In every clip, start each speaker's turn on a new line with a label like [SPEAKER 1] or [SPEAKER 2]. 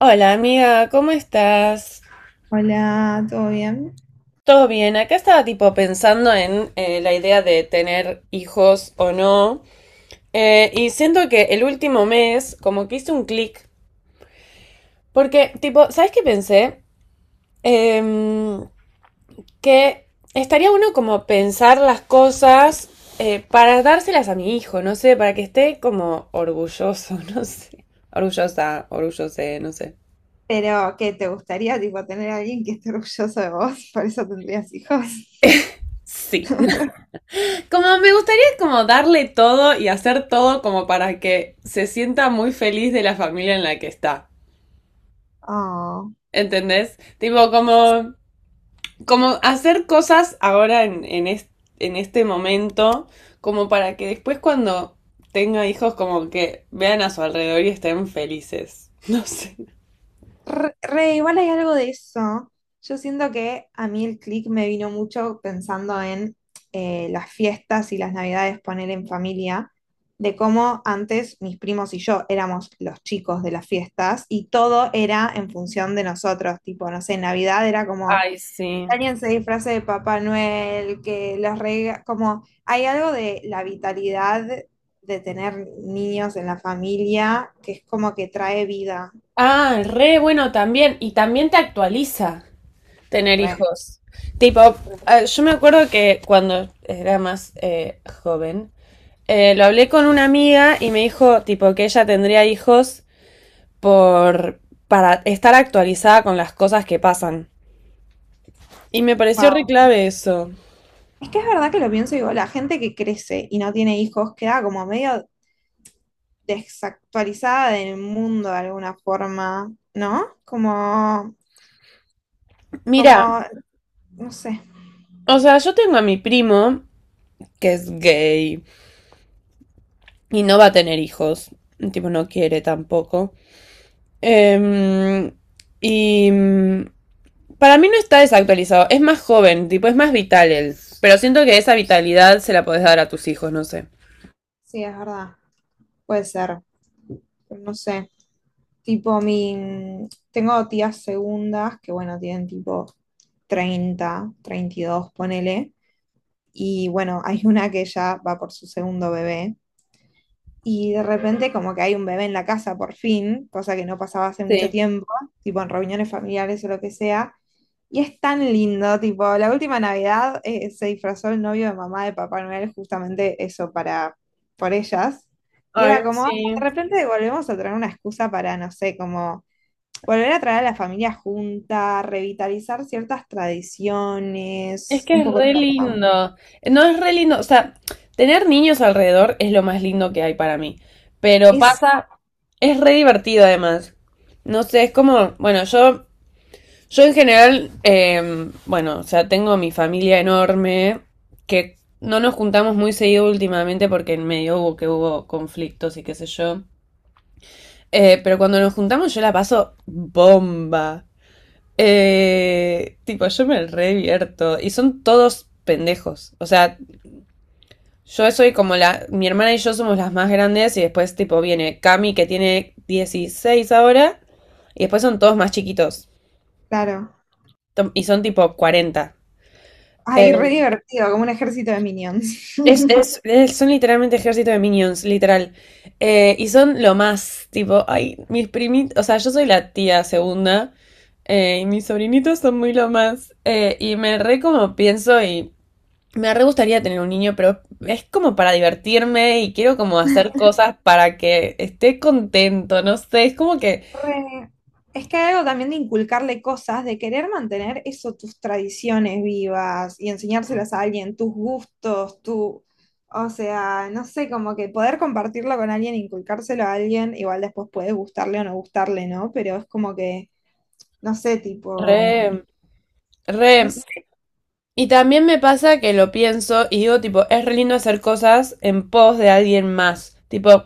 [SPEAKER 1] Hola amiga, ¿cómo estás?
[SPEAKER 2] Hola, ¿todo bien?
[SPEAKER 1] ¿Todo bien? Acá estaba tipo pensando en la idea de tener hijos o no. Y siento que el último mes como que hice un clic. Porque tipo, ¿sabes qué pensé? Em, que estaría uno como pensar las cosas para dárselas a mi hijo, no sé, para que esté como orgulloso, no sé. Orgullosa, orgullose, no sé.
[SPEAKER 2] Pero que te gustaría tipo tener a alguien que esté orgulloso de vos, por eso tendrías hijos.
[SPEAKER 1] Sí. Como me gustaría como darle todo y hacer todo como para que se sienta muy feliz de la familia en la que está.
[SPEAKER 2] Oh,
[SPEAKER 1] ¿Entendés? Tipo, como, como hacer cosas ahora en este momento, como para que después cuando tenga hijos, como que vean a su alrededor y estén felices. No sé.
[SPEAKER 2] re, re, igual hay algo de eso. Yo siento que a mí el click me vino mucho pensando en las fiestas y las navidades, poner en familia, de cómo antes mis primos y yo éramos los chicos de las fiestas y todo era en función de nosotros, tipo, no sé, Navidad era como...
[SPEAKER 1] Ay, sí.
[SPEAKER 2] Daniel se disfraza de Papá Noel, que las reglas, como hay algo de la vitalidad de tener niños en la familia que es como que trae vida.
[SPEAKER 1] Ah, re bueno también. Y también te actualiza. Tener
[SPEAKER 2] Re,
[SPEAKER 1] hijos. Tipo,
[SPEAKER 2] re,
[SPEAKER 1] ah, yo me acuerdo que cuando era más joven, lo hablé con una amiga y me dijo, tipo, que ella tendría hijos por, para estar actualizada con las cosas que pasan. Y me pareció re
[SPEAKER 2] wow.
[SPEAKER 1] clave eso.
[SPEAKER 2] Es que es verdad que lo pienso y digo, la gente que crece y no tiene hijos queda como medio desactualizada del mundo de alguna forma, ¿no?
[SPEAKER 1] Mira,
[SPEAKER 2] Como, no sé,
[SPEAKER 1] o sea, yo tengo a mi primo, que es gay, y no va a tener hijos. Tipo, no quiere tampoco. Em, y mm, para mí no está desactualizado, es más joven, tipo, es más vital él. Pero siento que esa vitalidad se la podés dar a tus hijos, no sé.
[SPEAKER 2] sí, es verdad, puede ser, pero no sé. Tipo, tengo tías segundas que, bueno, tienen tipo 30 32 ponele. Y bueno, hay una que ya va por su segundo bebé. Y de repente como que hay un bebé en la casa por fin, cosa que no pasaba hace mucho
[SPEAKER 1] Sí.
[SPEAKER 2] tiempo, tipo en reuniones familiares o lo que sea. Y es tan lindo, tipo, la última Navidad se disfrazó el novio de mamá de Papá Noel justamente eso para, por ellas. Y
[SPEAKER 1] Ay,
[SPEAKER 2] era como: "Ah,
[SPEAKER 1] sí.
[SPEAKER 2] de repente volvemos a tener una excusa para, no sé, como volver a traer a la familia junta, revitalizar ciertas
[SPEAKER 1] Es
[SPEAKER 2] tradiciones,
[SPEAKER 1] que
[SPEAKER 2] un
[SPEAKER 1] es
[SPEAKER 2] poco
[SPEAKER 1] re
[SPEAKER 2] todo, ¿no?".
[SPEAKER 1] lindo. No es re lindo, o sea, tener niños alrededor es lo más lindo que hay para mí. Pero
[SPEAKER 2] Es,
[SPEAKER 1] pasa, es re divertido además. No sé, es como, bueno, yo en general, bueno, o sea, tengo mi familia enorme, que no nos juntamos muy seguido últimamente porque en medio hubo conflictos y qué sé yo. Pero cuando nos juntamos yo la paso bomba. Tipo, yo me revierto. Y son todos pendejos. O sea, yo soy como la... Mi hermana y yo somos las más grandes y después tipo viene Cami que tiene 16 ahora y después son todos más chiquitos.
[SPEAKER 2] claro.
[SPEAKER 1] Y son tipo 40.
[SPEAKER 2] Ay, re
[SPEAKER 1] Eh,
[SPEAKER 2] divertido, como un ejército de minions.
[SPEAKER 1] Son literalmente ejército de minions, literal. Y son lo más, tipo, ay, mis primitos, o sea, yo soy la tía segunda, y mis sobrinitos son muy lo más. Y me re como pienso y me re gustaría tener un niño, pero es como para divertirme y quiero como hacer cosas para que esté contento, no sé, es como que
[SPEAKER 2] Re- Es que hay algo también de inculcarle cosas, de querer mantener eso, tus tradiciones vivas y enseñárselas a alguien, tus gustos, tu... O sea, no sé, como que poder compartirlo con alguien, inculcárselo a alguien, igual después puede gustarle o no gustarle, ¿no? Pero es como que, no sé, tipo,
[SPEAKER 1] re,
[SPEAKER 2] no
[SPEAKER 1] re.
[SPEAKER 2] sé.
[SPEAKER 1] Y también me pasa que lo pienso y digo, tipo, es re lindo hacer cosas en pos de alguien más, tipo...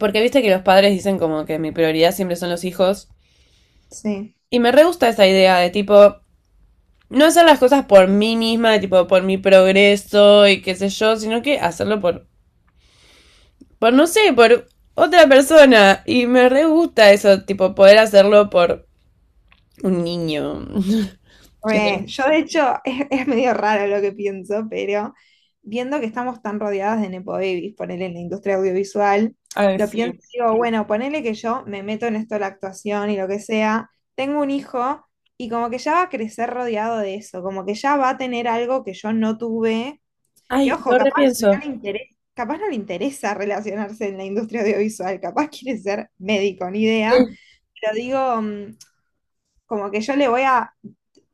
[SPEAKER 1] Porque viste que los padres dicen como que mi prioridad siempre son los hijos.
[SPEAKER 2] Sí,
[SPEAKER 1] Y me re gusta esa idea de tipo, no hacer las cosas por mí misma, de tipo, por mi progreso y qué sé yo, sino que hacerlo por no sé, por otra persona. Y me re gusta eso, tipo, poder hacerlo por un niño. Que-
[SPEAKER 2] re, yo de hecho es medio raro lo que pienso, pero viendo que estamos tan rodeadas de nepo babies, ponele en la industria audiovisual,
[SPEAKER 1] Ay,
[SPEAKER 2] lo pienso
[SPEAKER 1] sí.
[SPEAKER 2] y digo, bueno, ponele que yo me meto en esto de la actuación y lo que sea, tengo un hijo y como que ya va a crecer rodeado de eso, como que ya va a tener algo que yo no tuve, que
[SPEAKER 1] Ay,
[SPEAKER 2] ojo,
[SPEAKER 1] lo
[SPEAKER 2] capaz no
[SPEAKER 1] repienso.
[SPEAKER 2] le interesa, capaz no le interesa relacionarse en la industria audiovisual, capaz quiere ser médico, ni idea, pero digo... como que yo le voy a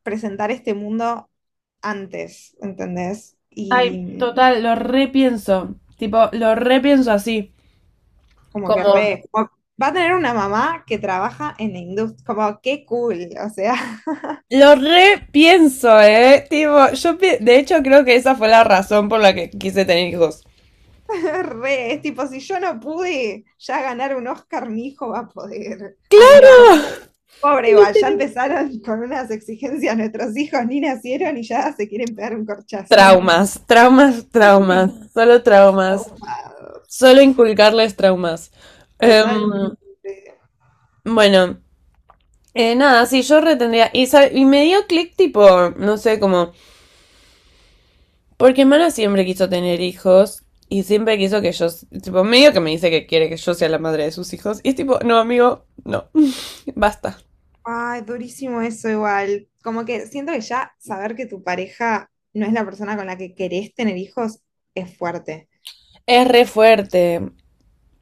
[SPEAKER 2] presentar este mundo antes, ¿entendés?
[SPEAKER 1] Ay,
[SPEAKER 2] Y
[SPEAKER 1] total, lo repienso. Tipo, lo repienso así.
[SPEAKER 2] como que
[SPEAKER 1] Como
[SPEAKER 2] re, va a tener una mamá que trabaja en la industria, como qué cool, o sea,
[SPEAKER 1] lo repienso, ¿eh? Tipo, de hecho creo que esa fue la razón por la que quise tener hijos.
[SPEAKER 2] re, es tipo, si yo no pude ya ganar un Oscar, mi hijo va a poder. Ay, no. Pobre igual, ya
[SPEAKER 1] Literal.
[SPEAKER 2] empezaron con unas exigencias, nuestros hijos ni nacieron y ya se quieren pegar un corchazo.
[SPEAKER 1] Traumas, traumas, traumas,
[SPEAKER 2] Estafados,
[SPEAKER 1] solo inculcarles traumas. Em,
[SPEAKER 2] totalmente.
[SPEAKER 1] bueno, nada, sí, yo retendría. Y, y me dio clic tipo, no sé, como, porque Mana siempre quiso tener hijos y siempre quiso que tipo, medio que me dice que quiere que yo sea la madre de sus hijos. Y es tipo, no, amigo, no, basta.
[SPEAKER 2] Ay, durísimo eso igual. Como que siento que ya saber que tu pareja no es la persona con la que querés tener hijos es fuerte.
[SPEAKER 1] Es re fuerte.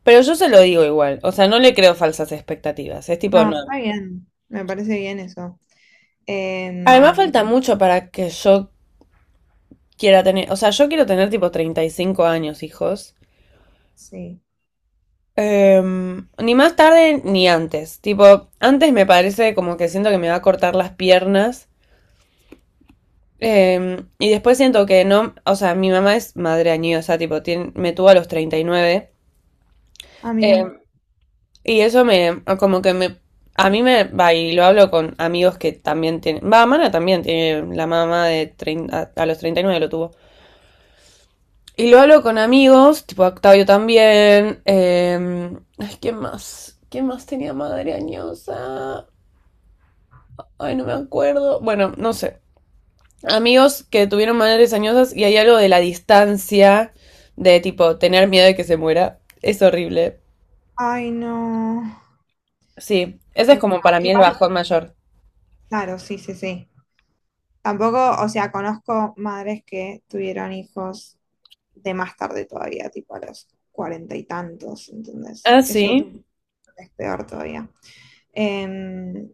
[SPEAKER 1] Pero yo se lo digo igual, o sea, no le creo falsas expectativas, es
[SPEAKER 2] No,
[SPEAKER 1] tipo, no.
[SPEAKER 2] claro, está bien. Me parece bien eso.
[SPEAKER 1] Además
[SPEAKER 2] Em,
[SPEAKER 1] falta mucho para que yo quiera tener, o sea, yo quiero tener tipo 35 años, hijos.
[SPEAKER 2] sí.
[SPEAKER 1] Ni más tarde ni antes, tipo, antes me parece como que siento que me va a cortar las piernas. Y después siento que no, o sea, mi mamá es madre añosa, tipo, me tuvo a los 39.
[SPEAKER 2] Ah, mira.
[SPEAKER 1] em, Y eso me, como que me, a mí me, va, y lo hablo con amigos que también tienen, va, Mana también tiene, la mamá los 39 lo tuvo. Y lo hablo con amigos, tipo Octavio también, ay, ¿quién más? ¿Quién más tenía madre añosa? Ay, no me acuerdo. Bueno, no sé. Amigos que tuvieron madres añosas y hay algo de la distancia, de tipo tener miedo de que se muera. Es horrible.
[SPEAKER 2] Ay, no.
[SPEAKER 1] Sí, ese es
[SPEAKER 2] Ay,
[SPEAKER 1] como
[SPEAKER 2] no.
[SPEAKER 1] para mí el
[SPEAKER 2] Igual,
[SPEAKER 1] bajón mayor.
[SPEAKER 2] claro, sí, sí, sí. Tampoco, o sea, conozco madres que tuvieron hijos de más tarde todavía, tipo a los cuarenta y tantos, ¿entendés?
[SPEAKER 1] Ah,
[SPEAKER 2] Eso
[SPEAKER 1] sí.
[SPEAKER 2] es peor todavía. Em,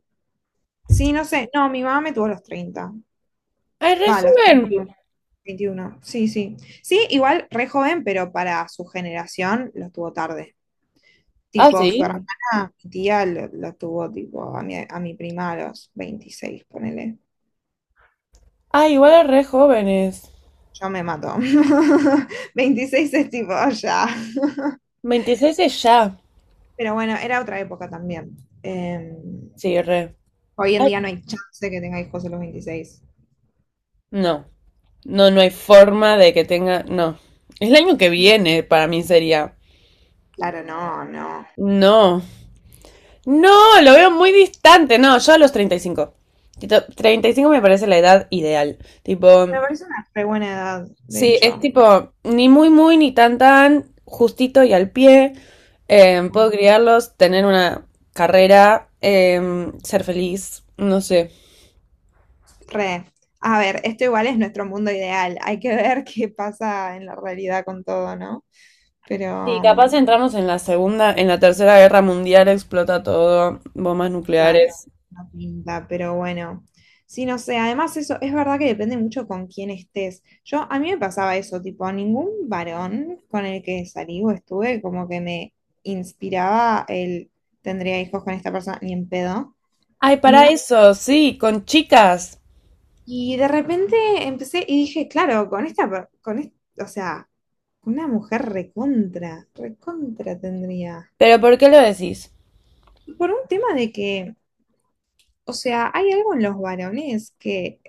[SPEAKER 2] Sí, no sé. No, mi mamá me tuvo a los 30.
[SPEAKER 1] Es re
[SPEAKER 2] Va, a los
[SPEAKER 1] joven.
[SPEAKER 2] 21, 21. Sí, sí. Sí, igual re joven, pero para su generación lo tuvo tarde.
[SPEAKER 1] Ah,
[SPEAKER 2] Tipo, su
[SPEAKER 1] sí.
[SPEAKER 2] hermana, mi tía, lo tuvo tipo a mi prima a los 26, ponele.
[SPEAKER 1] Ah, igual es re jóvenes.
[SPEAKER 2] Yo me mato. 26 es tipo ya.
[SPEAKER 1] 26 es ya.
[SPEAKER 2] Pero bueno, era otra época también. Eh,
[SPEAKER 1] Sí, re.
[SPEAKER 2] Hoy en
[SPEAKER 1] Ay,
[SPEAKER 2] día no hay chance de que tenga hijos a los 26.
[SPEAKER 1] no. No, no hay forma de que tenga. No. Es el año que viene, para mí sería.
[SPEAKER 2] Claro, no, no.
[SPEAKER 1] No. No, lo veo muy distante. No, yo a los 35. Tipo, 35 me parece la edad ideal. Tipo,
[SPEAKER 2] Me parece una re buena edad, de
[SPEAKER 1] sí, es
[SPEAKER 2] hecho.
[SPEAKER 1] tipo ni muy muy ni tan tan, justito y al pie. Puedo criarlos, tener una carrera, ser feliz, no sé.
[SPEAKER 2] Re. A ver, esto igual es nuestro mundo ideal. Hay que ver qué pasa en la realidad con todo, ¿no?
[SPEAKER 1] Sí,
[SPEAKER 2] Pero,
[SPEAKER 1] capaz entramos en la segunda, en la tercera guerra mundial, explota todo, bombas
[SPEAKER 2] claro,
[SPEAKER 1] nucleares.
[SPEAKER 2] no pinta, pero bueno. Sí, no sé, además eso es verdad que depende mucho con quién estés. Yo, a mí me pasaba eso, tipo, ningún varón con el que salí o estuve como que me inspiraba el tendría hijos con esta persona, ni en pedo,
[SPEAKER 1] Ay, para
[SPEAKER 2] ni
[SPEAKER 1] eso, sí, con chicas.
[SPEAKER 2] y de repente empecé y dije, claro, con esta, o sea, una mujer recontra, recontra tendría.
[SPEAKER 1] Pero ¿por qué lo decís?
[SPEAKER 2] Por un tema de que, o sea, hay algo en los varones que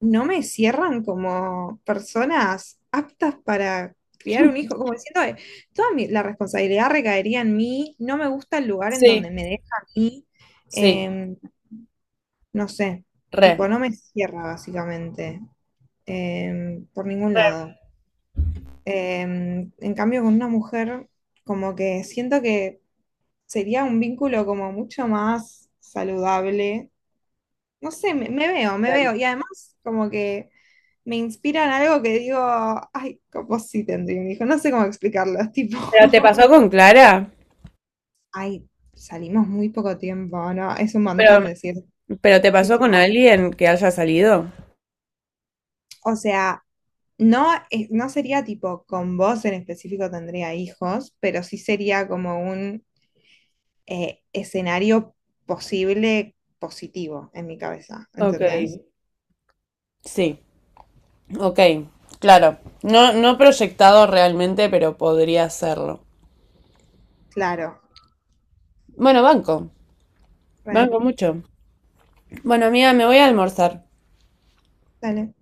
[SPEAKER 2] no me cierran como personas aptas para criar un hijo, como diciendo: la responsabilidad recaería en mí, no me gusta el lugar en
[SPEAKER 1] Sí,
[SPEAKER 2] donde me deja a mí,
[SPEAKER 1] sí,
[SPEAKER 2] em, no sé, tipo,
[SPEAKER 1] re,
[SPEAKER 2] no me cierra básicamente, por ningún
[SPEAKER 1] re,
[SPEAKER 2] lado. En cambio, con una mujer, como que siento que sería un vínculo como mucho más saludable. No sé, me veo, me
[SPEAKER 1] re.
[SPEAKER 2] veo. Y además, como que me inspiran algo que digo, ay, como sí tendría un hijo. No sé cómo explicarlo. Es tipo,
[SPEAKER 1] ¿Pero te pasó con Clara?
[SPEAKER 2] ay, salimos muy poco tiempo, ¿no? Es un
[SPEAKER 1] ¿Pero,
[SPEAKER 2] montón decir,
[SPEAKER 1] pero te pasó
[SPEAKER 2] tipo,
[SPEAKER 1] con alguien que haya salido?
[SPEAKER 2] o sea, no, no sería tipo con vos en específico tendría hijos, pero sí sería como un escenario posible positivo en mi cabeza,
[SPEAKER 1] Ok,
[SPEAKER 2] ¿entendés?
[SPEAKER 1] sí. Ok, claro. No, no proyectado realmente, pero podría hacerlo.
[SPEAKER 2] Claro,
[SPEAKER 1] Bueno, banco.
[SPEAKER 2] bueno,
[SPEAKER 1] Banco mucho. Bueno, amiga, me voy a almorzar.
[SPEAKER 2] dale.